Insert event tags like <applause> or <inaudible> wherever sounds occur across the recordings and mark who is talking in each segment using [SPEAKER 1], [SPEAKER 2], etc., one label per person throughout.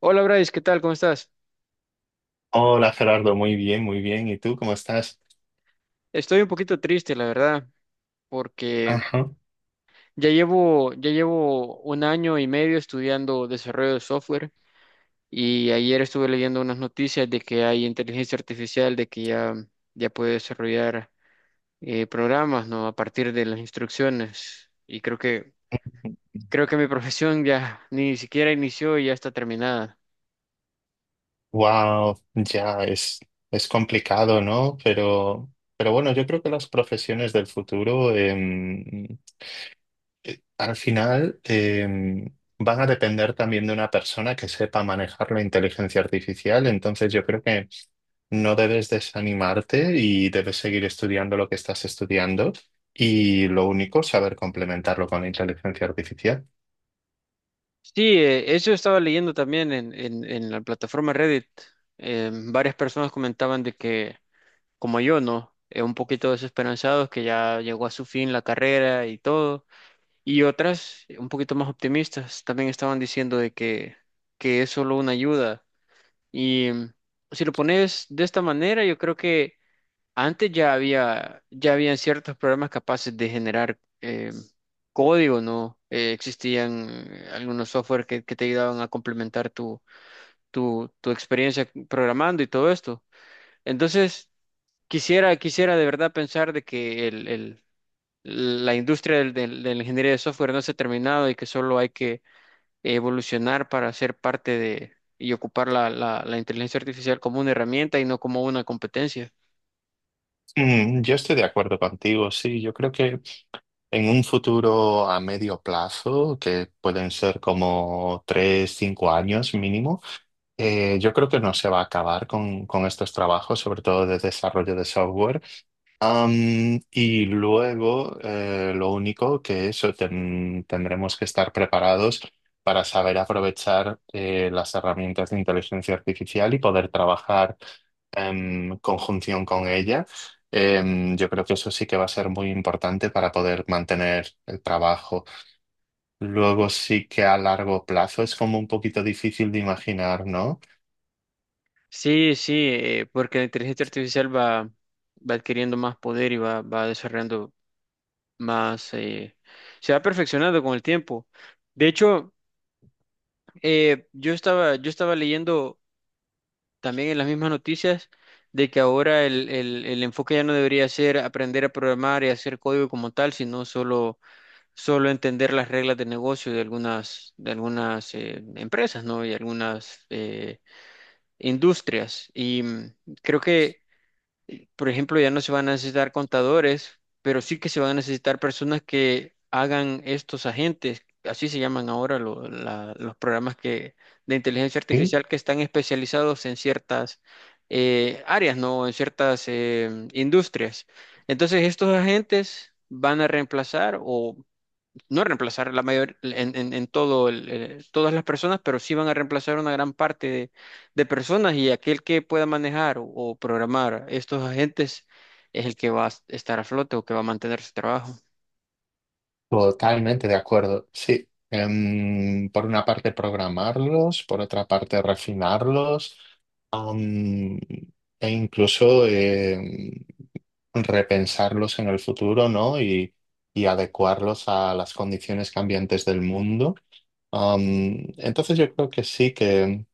[SPEAKER 1] Hola Bryce, ¿qué tal? ¿Cómo estás?
[SPEAKER 2] Hola Gerardo, muy bien, muy bien. ¿Y tú cómo estás?
[SPEAKER 1] Estoy un poquito triste, la verdad, porque
[SPEAKER 2] Ajá.
[SPEAKER 1] ya llevo un año y medio estudiando desarrollo de software y ayer estuve leyendo unas noticias de que hay inteligencia artificial, de que ya puede desarrollar programas, ¿no? A partir de las instrucciones. Y creo que mi profesión ya ni siquiera inició y ya está terminada.
[SPEAKER 2] Wow, ya es complicado, ¿no? Pero bueno, yo creo que las profesiones del futuro al final van a depender también de una persona que sepa manejar la inteligencia artificial. Entonces yo creo que no debes desanimarte y debes seguir estudiando lo que estás estudiando y lo único, saber complementarlo con la inteligencia artificial.
[SPEAKER 1] Sí, eso estaba leyendo también en la plataforma Reddit. Varias personas comentaban de que como yo, ¿no? Un poquito desesperanzados que ya llegó a su fin la carrera y todo. Y otras, un poquito más optimistas, también estaban diciendo que es solo una ayuda. Y si lo pones de esta manera, yo creo que antes ya habían ciertos programas capaces de generar código, ¿no? Existían algunos software que te ayudaban a complementar tu experiencia programando y todo esto. Entonces, quisiera de verdad pensar de que la industria de la ingeniería de software no se ha terminado y que solo hay que evolucionar para ser parte de y ocupar la inteligencia artificial como una herramienta y no como una competencia.
[SPEAKER 2] Mm, yo estoy de acuerdo contigo, sí. Yo creo que en un futuro a medio plazo, que pueden ser como tres, cinco años mínimo, yo creo que no se va a acabar con estos trabajos, sobre todo de desarrollo de software. Y luego, lo único que eso tendremos que estar preparados para saber aprovechar las herramientas de inteligencia artificial y poder trabajar en conjunción con ella. Yo creo que eso sí que va a ser muy importante para poder mantener el trabajo. Luego sí que a largo plazo es como un poquito difícil de imaginar, ¿no?
[SPEAKER 1] Sí, sí, porque la inteligencia artificial va adquiriendo más poder y va desarrollando más, eh, se va perfeccionando con el tiempo. De hecho, yo estaba leyendo también en las mismas noticias de que ahora el enfoque ya no debería ser aprender a programar y hacer código como tal, solo entender las reglas de negocio de de algunas empresas, ¿no? Y algunas industrias. Y creo que por ejemplo, ya no se van a necesitar contadores, pero sí que se van a necesitar personas que hagan estos agentes, así se llaman ahora los programas de inteligencia
[SPEAKER 2] Sí.
[SPEAKER 1] artificial que están especializados en ciertas áreas, ¿no? En ciertas industrias. Entonces, estos agentes van a reemplazar o no reemplazar la mayor en todo todas las personas, pero sí van a reemplazar una gran parte de personas y aquel que pueda manejar o programar estos agentes es el que va a estar a flote o que va a mantener su trabajo.
[SPEAKER 2] Totalmente de acuerdo, sí. Por una parte programarlos, por otra parte refinarlos, am, e incluso repensarlos en el futuro, ¿no? Y adecuarlos a las condiciones cambiantes del mundo. Am, entonces yo creo que sí,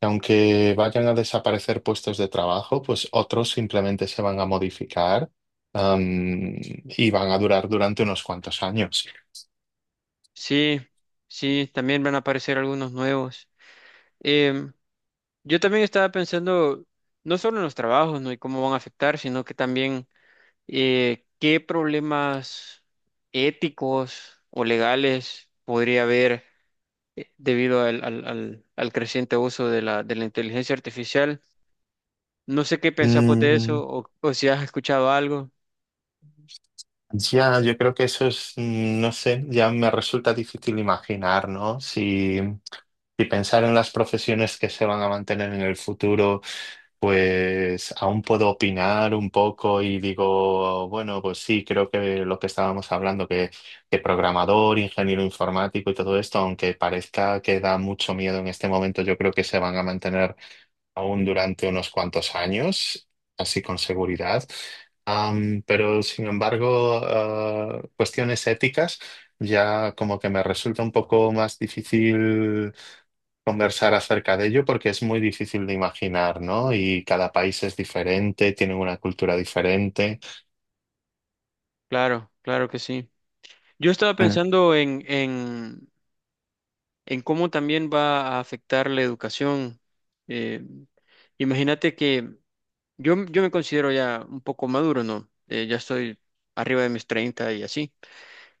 [SPEAKER 2] que aunque vayan a desaparecer puestos de trabajo, pues otros simplemente se van a modificar, am, y van a durar durante unos cuantos años.
[SPEAKER 1] Sí, sí, también van a aparecer algunos nuevos. Em, yo también estaba pensando no solo en los trabajos, ¿no?, y cómo van a afectar, sino que también qué problemas éticos o legales podría haber debido al creciente uso de de la inteligencia artificial. No sé qué pensás vos de
[SPEAKER 2] Mm,
[SPEAKER 1] eso o si has escuchado algo.
[SPEAKER 2] ya, yo creo que eso es, mm, no sé, ya me resulta difícil imaginar, ¿no? Si, si pensar en las profesiones que se van a mantener en el futuro, pues aún puedo opinar un poco y digo, bueno, pues sí, creo que lo que estábamos hablando, que programador, ingeniero informático y todo esto, aunque parezca que da mucho miedo en este momento, yo creo que se van a mantener aún durante unos cuantos años, así con seguridad. Pero sin embargo, cuestiones éticas ya como que me resulta un poco más difícil conversar acerca de ello porque es muy difícil de imaginar, ¿no? Y cada país es diferente, tiene una cultura diferente.
[SPEAKER 1] Claro, claro que sí. Yo estaba pensando en cómo también va a afectar la educación. Eh, Imagínate que yo me considero ya un poco maduro, ¿no? Ya estoy arriba de mis 30 y así.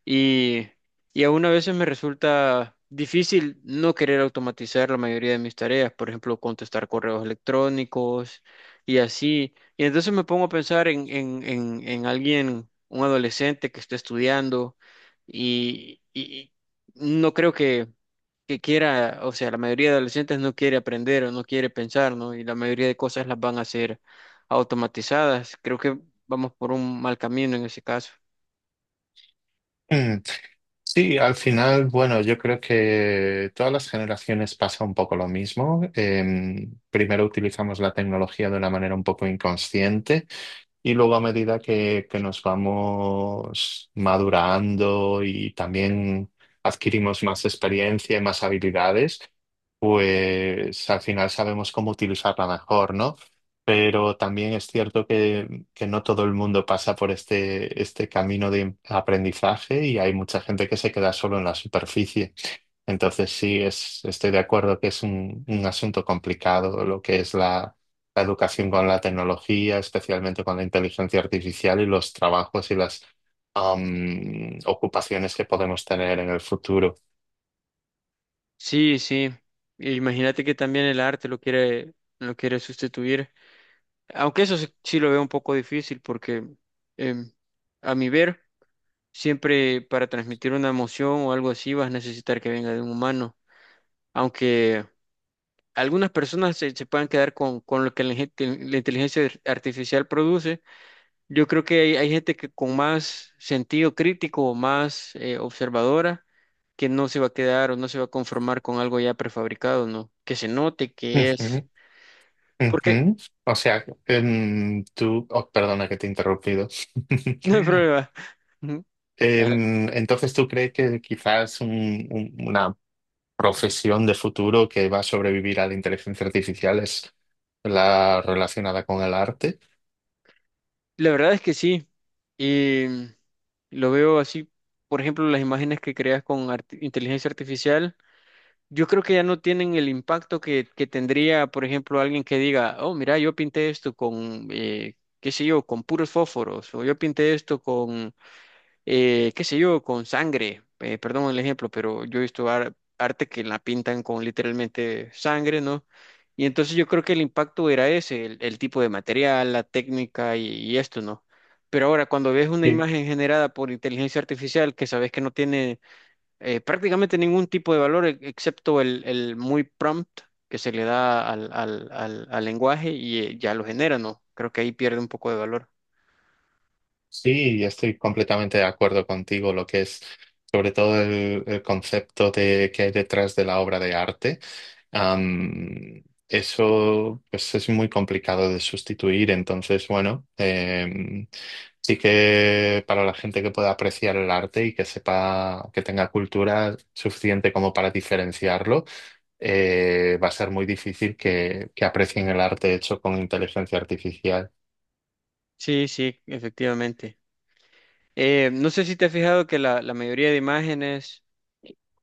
[SPEAKER 1] Y, y aún a veces me resulta difícil no querer automatizar la mayoría de mis tareas, por ejemplo, contestar correos electrónicos y así. Y entonces me pongo a pensar en alguien, un adolescente que está estudiando y no creo que quiera, o sea, la mayoría de adolescentes no quiere aprender o no quiere pensar, ¿no? Y la mayoría de cosas las van a hacer automatizadas. Creo que vamos por un mal camino en ese caso.
[SPEAKER 2] Mm. <clears throat> Sí, al final, bueno, yo creo que todas las generaciones pasa un poco lo mismo. Primero utilizamos la tecnología de una manera un poco inconsciente. Y luego a medida que nos vamos madurando y también adquirimos más experiencia y más habilidades, pues al final sabemos cómo utilizarla mejor, ¿no? Pero también es cierto que no todo el mundo pasa por este camino de aprendizaje y hay mucha gente que se queda solo en la superficie. Entonces sí, es, estoy de acuerdo que es un asunto complicado lo que es la, la educación con la tecnología, especialmente con la inteligencia artificial y los trabajos y las ocupaciones que podemos tener en el futuro.
[SPEAKER 1] Sí, sí. Imagínate que también el arte lo quiere sustituir. Aunque eso sí, sí lo veo un poco difícil porque em, a mi ver, siempre para transmitir una emoción o algo así vas a necesitar que venga de un humano. Aunque algunas personas se puedan quedar con lo que la inteligencia artificial produce, yo creo que hay gente que con más sentido crítico o más observadora que no se va a quedar o no se va a conformar con algo ya prefabricado, ¿no? Que se note que es.
[SPEAKER 2] Ujú,
[SPEAKER 1] Porque
[SPEAKER 2] ujú. O sea, tú, oh, perdona que te he interrumpido.
[SPEAKER 1] <laughs> no hay
[SPEAKER 2] <laughs>
[SPEAKER 1] problema. Ujú. La verdad
[SPEAKER 2] Entonces, ¿tú crees que quizás una profesión de futuro que va a sobrevivir a la inteligencia artificial es la relacionada con el arte?
[SPEAKER 1] la verdad es que sí. Y lo veo así, por ejemplo, las imágenes que creas con inteligencia artificial. Yo creo que ya no tienen el impacto que tendría, por ejemplo, alguien que diga, oh, mira, yo pinté esto con, qué sé yo, con puros fósforos, o yo pinté esto con, qué sé yo, con sangre. Perdón el ejemplo, pero yo he visto arte que la pintan con literalmente sangre, ¿no? Y entonces yo creo que el impacto era ese, el tipo de material, la técnica y esto, ¿no? Pero ahora, cuando ves una imagen generada por inteligencia artificial que sabes que no tiene prácticamente ningún tipo de valor excepto el muy prompt que se le da al lenguaje y ya lo genera, ¿no? Creo que ahí pierde un poco de valor.
[SPEAKER 2] Sí, estoy completamente de acuerdo contigo, lo que es sobre todo el concepto de, que hay detrás de la obra de arte. Am, Eso pues, es muy complicado de sustituir, entonces, bueno, sí que para la gente que pueda apreciar el arte y que sepa, que tenga cultura suficiente como para diferenciarlo, va a ser muy difícil que aprecien el arte hecho con inteligencia artificial.
[SPEAKER 1] Sí, sí, efectivamente. No sé si te has fijado que la mayoría de imágenes,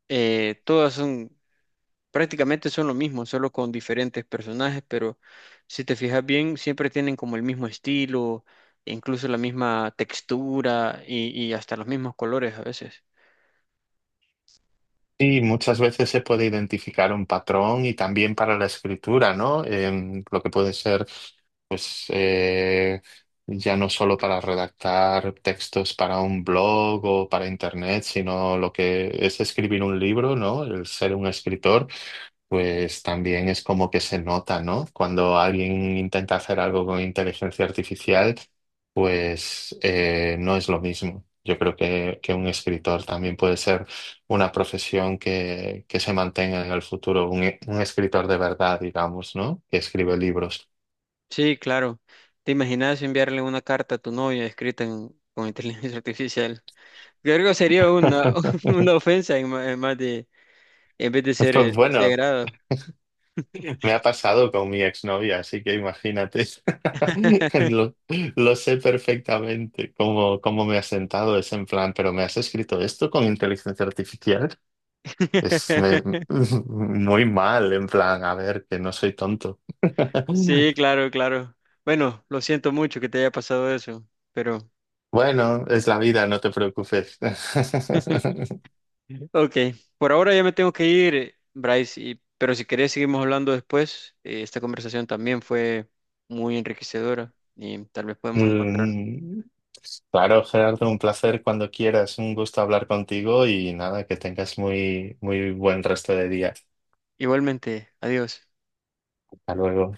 [SPEAKER 1] todas son, prácticamente son lo mismo, solo con diferentes personajes, pero si te fijas bien, siempre tienen como el mismo estilo, incluso la misma textura y hasta los mismos colores a veces.
[SPEAKER 2] Sí, muchas veces se puede identificar un patrón y también para la escritura, ¿no? Lo que puede ser, pues, ya no solo para redactar textos para un blog o para internet, sino lo que es escribir un libro, ¿no? El ser un escritor. Pues también es como que se nota, ¿no? Cuando alguien intenta hacer algo con inteligencia artificial, pues no es lo mismo. Yo creo que un escritor también puede ser una profesión que se mantenga en el futuro, un escritor de verdad, digamos, ¿no? Que escribe libros.
[SPEAKER 1] Sí, claro. ¿Te imaginas enviarle una carta a tu novia escrita con inteligencia <laughs> artificial? Creo que sería una, <laughs> una
[SPEAKER 2] <laughs>
[SPEAKER 1] ofensa en más de, en vez de
[SPEAKER 2] Pues
[SPEAKER 1] ser de
[SPEAKER 2] bueno,
[SPEAKER 1] agrado.
[SPEAKER 2] me ha pasado con mi exnovia, así que imagínate. <laughs> Lo, lo sé perfectamente cómo, cómo me ha sentado ese en plan, pero ¿me has escrito esto con inteligencia artificial? Es me-
[SPEAKER 1] <laughs>
[SPEAKER 2] <laughs> muy mal, en plan, a ver, que no soy tonto. <laughs>
[SPEAKER 1] Sí, claro, claro. Bueno, lo siento mucho que te haya pasado eso, pero
[SPEAKER 2] Bueno, es la vida, no te preocupes. <laughs>
[SPEAKER 1] <laughs> ok. Por ahora ya me tengo que ir, Bryce, y, pero si querés seguimos hablando después. Esta conversación también fue muy enriquecedora y tal vez podemos encontrar.
[SPEAKER 2] Mm, claro, Gerardo, un placer cuando quieras, un gusto hablar contigo y nada, que tengas muy, muy buen resto de día.
[SPEAKER 1] Igualmente, adiós.
[SPEAKER 2] Hasta luego.